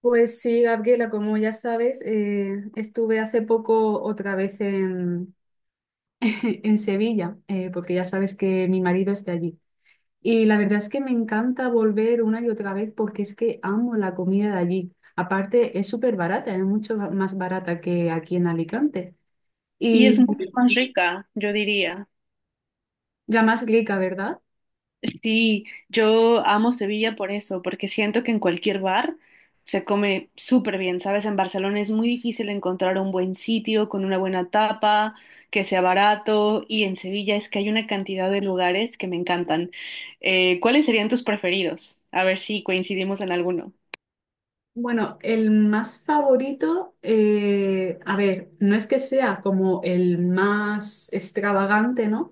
Pues sí, Gabriela, como ya sabes, estuve hace poco otra vez en Sevilla, porque ya sabes que mi marido es de allí. Y la verdad es que me encanta volver una y otra vez porque es que amo la comida de allí. Aparte, es súper barata, es mucho más barata que aquí en Alicante. Y es mucho Y más rica, yo diría. la más rica, ¿verdad? Sí, yo amo Sevilla por eso, porque siento que en cualquier bar se come súper bien, ¿sabes? En Barcelona es muy difícil encontrar un buen sitio con una buena tapa, que sea barato, y en Sevilla es que hay una cantidad de lugares que me encantan. ¿cuáles serían tus preferidos? A ver si coincidimos en alguno. Bueno, el más favorito, a ver, no es que sea como el más extravagante, ¿no?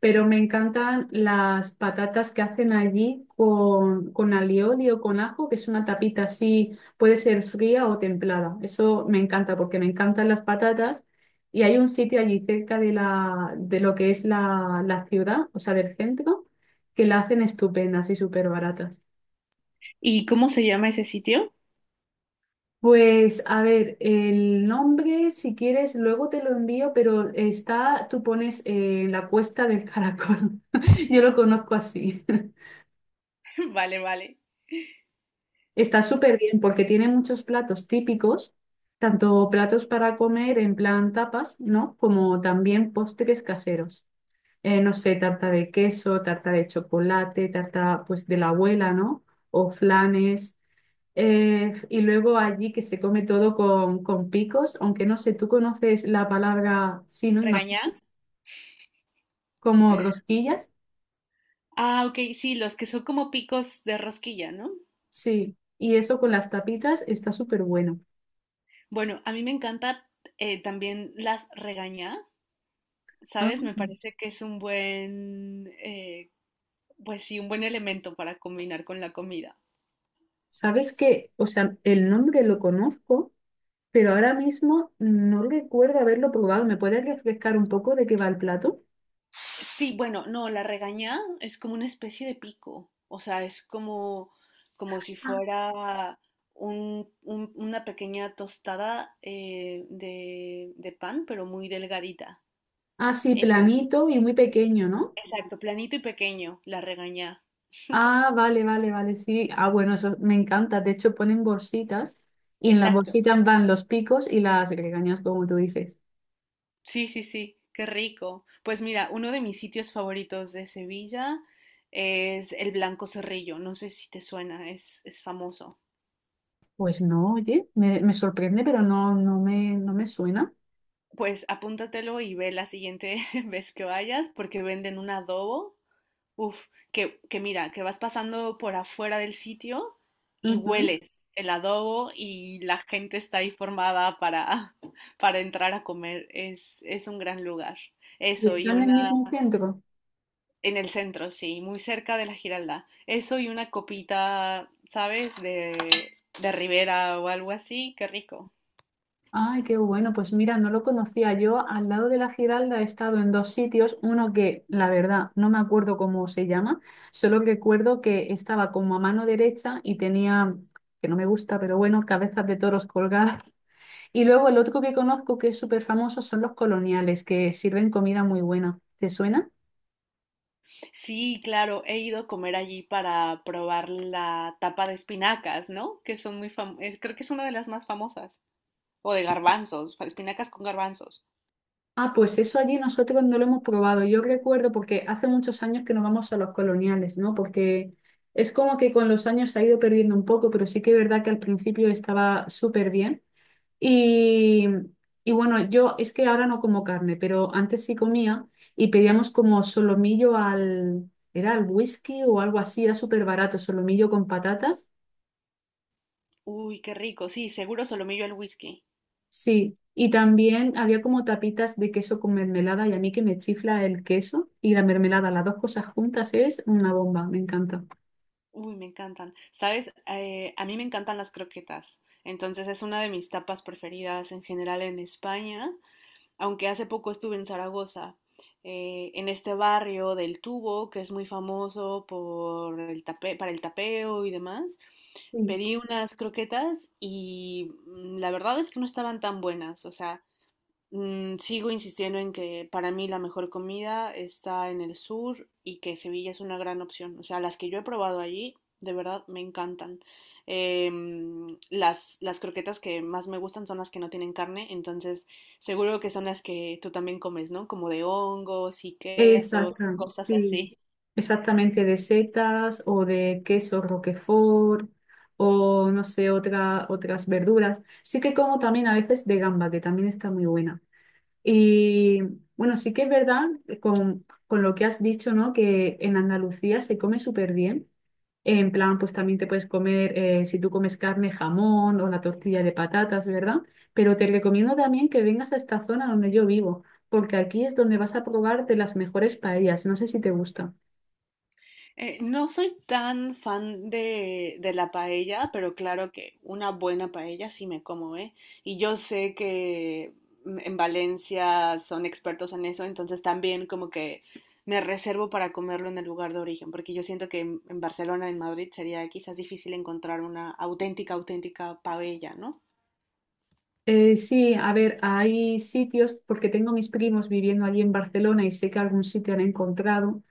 Pero me encantan las patatas que hacen allí con alioli o con ajo, que es una tapita así, puede ser fría o templada. Eso me encanta porque me encantan las patatas. Y hay un sitio allí cerca de lo que es la ciudad, o sea, del centro, que la hacen estupendas y súper baratas. ¿Y cómo se llama ese sitio? Pues a ver, el nombre, si quieres, luego te lo envío, pero está, tú pones la cuesta del caracol. Yo lo conozco así. Vale, vale. Está Ya. súper bien porque tiene muchos platos típicos, tanto platos para comer en plan tapas, ¿no? Como también postres caseros. No sé, tarta de queso, tarta de chocolate, tarta pues de la abuela, ¿no? O flanes. Y luego allí que se come todo con picos, aunque no sé, tú conoces la palabra, sí, ¿no? ¿Regañá? Imagino, como rosquillas, Ah, ok, sí, los que son como picos de rosquilla, ¿no? sí. Y eso con las tapitas está súper bueno. Bueno, a mí me encanta también las regañá, Ah, ¿sabes? Me parece que es un buen, pues sí, un buen elemento para combinar con la comida. ¿sabes qué? O sea, el nombre lo conozco, pero ahora mismo no recuerdo haberlo probado. ¿Me puedes refrescar un poco de qué va el plato? Sí, bueno, no, la regañá es como una especie de pico, o sea, es como, como si Ah. fuera una pequeña tostada de pan, pero muy delgadita. Ah, sí, Eh, planito y muy pequeño, ¿no? Exacto, planito y pequeño, la regañá. Ah, vale, vale, vale, sí. Ah, bueno, eso me encanta. De hecho, ponen bolsitas y en las Exacto. bolsitas van los picos y las regañas, como tú dices. Sí, sí, sí, qué rico. Pues mira, uno de mis sitios favoritos de Sevilla es el Blanco Cerrillo. No sé si te suena, es famoso. Pues no, oye, me sorprende, pero no, no me suena. Pues apúntatelo y ve la siguiente vez que vayas porque venden un adobo. Uf, que mira, que vas pasando por afuera del sitio y Ujú. hueles el adobo y la gente está ahí formada para, para entrar a comer. Es un gran lugar. ¿Y Eso, y están en el mismo centro? en el centro, sí, muy cerca de la Giralda. Eso y una copita, ¿sabes? De Ribera o algo así, qué rico. Ay, qué bueno, pues mira, no lo conocía. Yo al lado de la Giralda he estado en dos sitios, uno que la verdad no me acuerdo cómo se llama, solo que recuerdo que estaba como a mano derecha y tenía, que no me gusta, pero bueno, cabezas de toros colgadas. Y luego el otro que conozco que es súper famoso son los coloniales, que sirven comida muy buena. ¿Te suena? Sí, claro, he ido a comer allí para probar la tapa de espinacas, ¿no? Que son muy famosas, creo que es una de las más famosas. O de garbanzos, espinacas con garbanzos. Ah, pues eso allí nosotros no lo hemos probado. Yo recuerdo porque hace muchos años que no vamos a los coloniales, ¿no? Porque es como que con los años se ha ido perdiendo un poco, pero sí que es verdad que al principio estaba súper bien. Y, y bueno, yo es que ahora no como carne, pero antes sí comía y pedíamos como era al whisky o algo así, era súper barato, solomillo con patatas. Uy, qué rico, sí, seguro solomillo al whisky. Sí, y también había como tapitas de queso con mermelada y a mí que me chifla el queso y la mermelada, las dos cosas juntas es una bomba, me encanta. Uy, me encantan. ¿Sabes? A mí me encantan las croquetas. Entonces es una de mis tapas preferidas en general en España, aunque hace poco estuve en Zaragoza, en este barrio del Tubo, que es muy famoso por el para el tapeo y demás, Sí. pedí unas croquetas y la verdad es que no estaban tan buenas, o sea, sigo insistiendo en que para mí la mejor comida está en el sur y que Sevilla es una gran opción. O sea, las que yo he probado allí, de verdad, me encantan. Las croquetas que más me gustan son las que no tienen carne, entonces seguro que son las que tú también comes, ¿no? Como de hongos y quesos, Exacta, cosas sí, así. exactamente de setas o de queso roquefort o no sé, otras verduras. Sí que como también a veces de gamba, que también está muy buena. Y bueno, sí que es verdad con lo que has dicho, ¿no? Que en Andalucía se come súper bien. En plan, pues también te puedes comer, si tú comes carne, jamón o la tortilla de patatas, ¿verdad? Pero te recomiendo también que vengas a esta zona donde yo vivo, porque aquí es donde vas a probar de las mejores paellas. No sé si te gusta. No soy tan fan de la paella, pero claro que una buena paella sí me como, ¿eh? Y yo sé que en Valencia son expertos en eso, entonces también como que me reservo para comerlo en el lugar de origen, porque yo siento que en Barcelona, en Madrid, sería quizás difícil encontrar una auténtica paella, ¿no? Sí, a ver, hay sitios, porque tengo mis primos viviendo allí en Barcelona y sé que algún sitio han encontrado.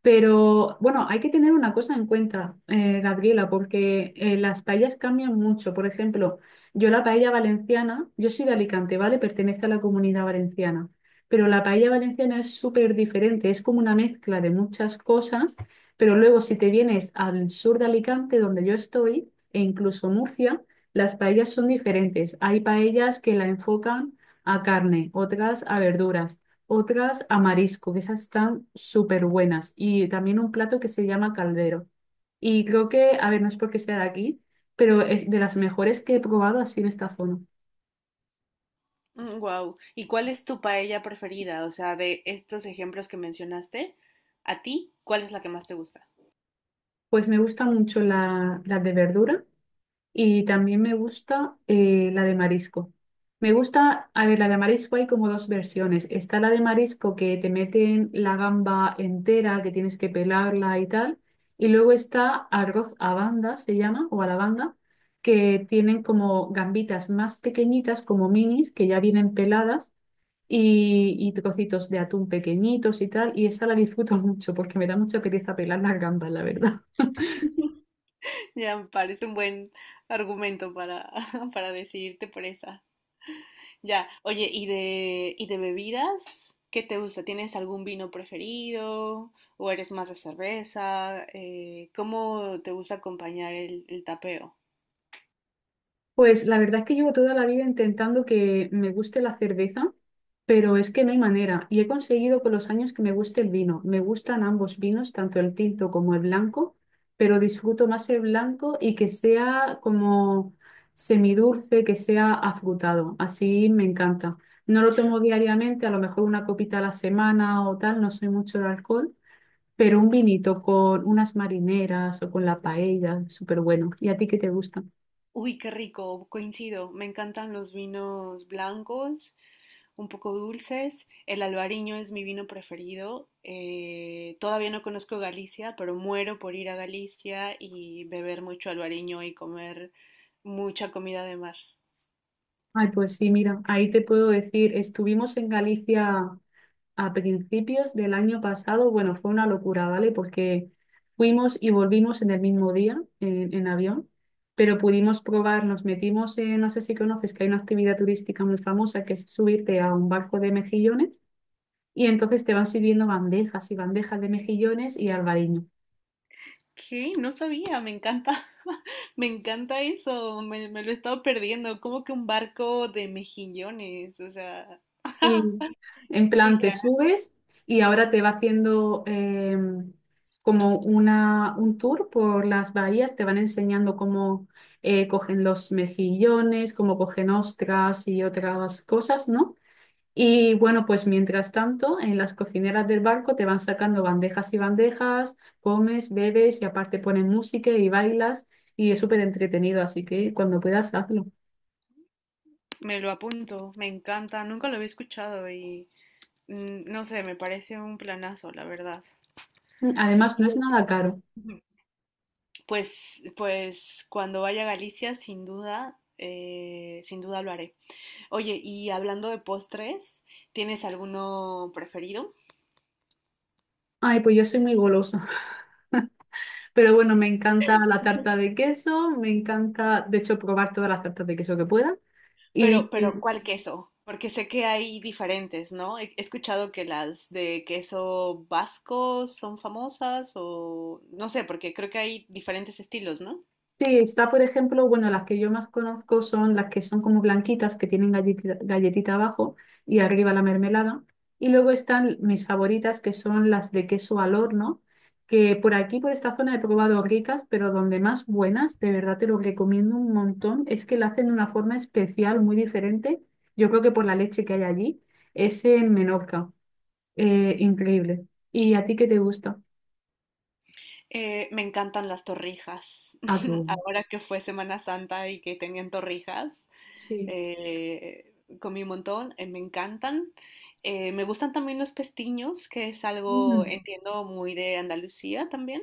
Pero bueno, hay que tener una cosa en cuenta, Gabriela, porque las paellas cambian mucho. Por ejemplo, yo la paella valenciana, yo soy de Alicante, ¿vale? Pertenece a la comunidad valenciana. Pero la paella valenciana es súper diferente, es como una mezcla de muchas cosas, pero luego si te vienes al sur de Alicante, donde yo estoy, e incluso Murcia, las paellas son diferentes. Hay paellas que la enfocan a carne, otras a verduras, otras a marisco, que esas están súper buenas. Y también un plato que se llama caldero. Y creo que, a ver, no es porque sea de aquí, pero es de las mejores que he probado así en esta zona. Wow. ¿Y cuál es tu paella preferida? O sea, de estos ejemplos que mencionaste, ¿a ti cuál es la que más te gusta? Pues me gusta mucho la de verdura. Y también me gusta la de marisco. Me gusta, a ver, la de marisco hay como dos versiones. Está la de marisco que te meten la gamba entera, que tienes que pelarla y tal. Y luego está arroz a banda, se llama, o a la banda, que tienen como gambitas más pequeñitas, como minis, que ya vienen peladas, y trocitos de atún pequeñitos y tal. Y esta la disfruto mucho porque me da mucha pereza pelar las gambas, la verdad. Ya me parece un buen argumento para, para decidirte por esa. Ya, oye, ¿y y de bebidas? ¿Qué te gusta? ¿Tienes algún vino preferido? ¿O eres más de cerveza? ¿cómo te gusta acompañar el tapeo? Pues la verdad es que llevo toda la vida intentando que me guste la cerveza, pero es que no hay manera. Y he conseguido con los años que me guste el vino. Me gustan ambos vinos, tanto el tinto como el blanco, pero disfruto más el blanco y que sea como semidulce, que sea afrutado. Así me encanta. No lo tomo diariamente, a lo mejor una copita a la semana o tal, no soy mucho de alcohol, pero un vinito con unas marineras o con la paella, súper bueno. ¿Y a ti qué te gusta? Uy, qué rico, coincido. Me encantan los vinos blancos, un poco dulces. El albariño es mi vino preferido. Todavía no conozco Galicia, pero muero por ir a Galicia y beber mucho albariño y comer mucha comida de mar. Ay, pues sí, mira, ahí te puedo decir, estuvimos en Galicia a principios del año pasado, bueno, fue una locura, ¿vale? Porque fuimos y volvimos en el mismo día en avión, pero pudimos probar, nos metimos en, no sé si conoces, que hay una actividad turística muy famosa que es subirte a un barco de mejillones y entonces te van sirviendo bandejas y bandejas de mejillones y albariño. ¿Qué? No sabía, me encanta, me encanta eso, me lo he estado perdiendo, como que un barco de mejillones, o sea, Sí, en qué plan te crack. subes y ahora te va haciendo como un tour por las bahías, te van enseñando cómo cogen los mejillones, cómo cogen ostras y otras cosas, ¿no? Y bueno, pues mientras tanto, en las cocineras del barco te van sacando bandejas y bandejas, comes, bebes y aparte ponen música y bailas y es súper entretenido, así que cuando puedas hazlo. Me lo apunto, me encanta, nunca lo había escuchado y no sé, me parece un planazo, la verdad. Además, no es nada caro. Pues, pues cuando vaya a Galicia, sin duda, sin duda lo haré. Oye, y hablando de postres, ¿tienes alguno preferido? Ay, pues yo soy muy golosa. Pero bueno, me encanta la tarta de queso, me encanta, de hecho, probar todas las tartas de queso que pueda. Y, Pero, y ¿cuál queso? Porque sé que hay diferentes, ¿no? He escuchado que las de queso vasco son famosas o no sé, porque creo que hay diferentes estilos, ¿no? sí, está, por ejemplo, bueno, las que yo más conozco son las que son como blanquitas, que tienen galletita abajo y arriba la mermelada. Y luego están mis favoritas, que son las de queso al horno, que por aquí, por esta zona, he probado ricas, pero donde más buenas, de verdad te lo recomiendo un montón, es que la hacen de una forma especial, muy diferente. Yo creo que por la leche que hay allí, es en Menorca. Increíble. ¿Y a ti qué te gusta? Me encantan las torrijas. Ah, qué bueno. Ahora que fue Semana Santa y que tenían torrijas, Sí. eh, comí un montón, me encantan. Me gustan también los pestiños, que es algo, Mm, entiendo, muy de Andalucía también.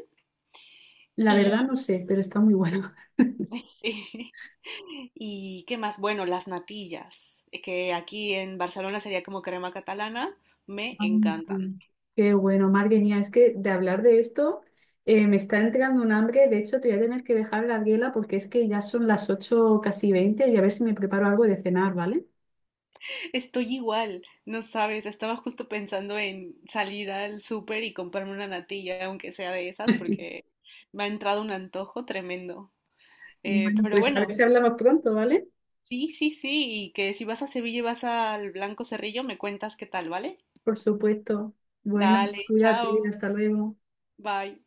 la verdad Y, no sé, pero está muy bueno. sí. ¿Y qué más? Bueno, las natillas, que aquí en Barcelona sería como crema catalana, me Ah, encantan. sí. Qué bueno, Marguerita, es que de hablar de esto me está entrando un hambre. De hecho, te voy a tener que dejar, Gabriela, porque es que ya son las 8 casi 20 y a ver si me preparo algo de cenar, ¿vale? Estoy igual, no sabes, estaba justo pensando en salir al súper y comprarme una natilla, aunque sea de esas, porque me ha entrado un antojo tremendo. Bueno, Pero pues a ver bueno, si hablamos pronto, ¿vale? sí, sí, sí, y que si vas a Sevilla y vas al Blanco Cerrillo, me cuentas qué tal, ¿vale? Por supuesto. Bueno, Dale, cuídate, chao, hasta luego. bye.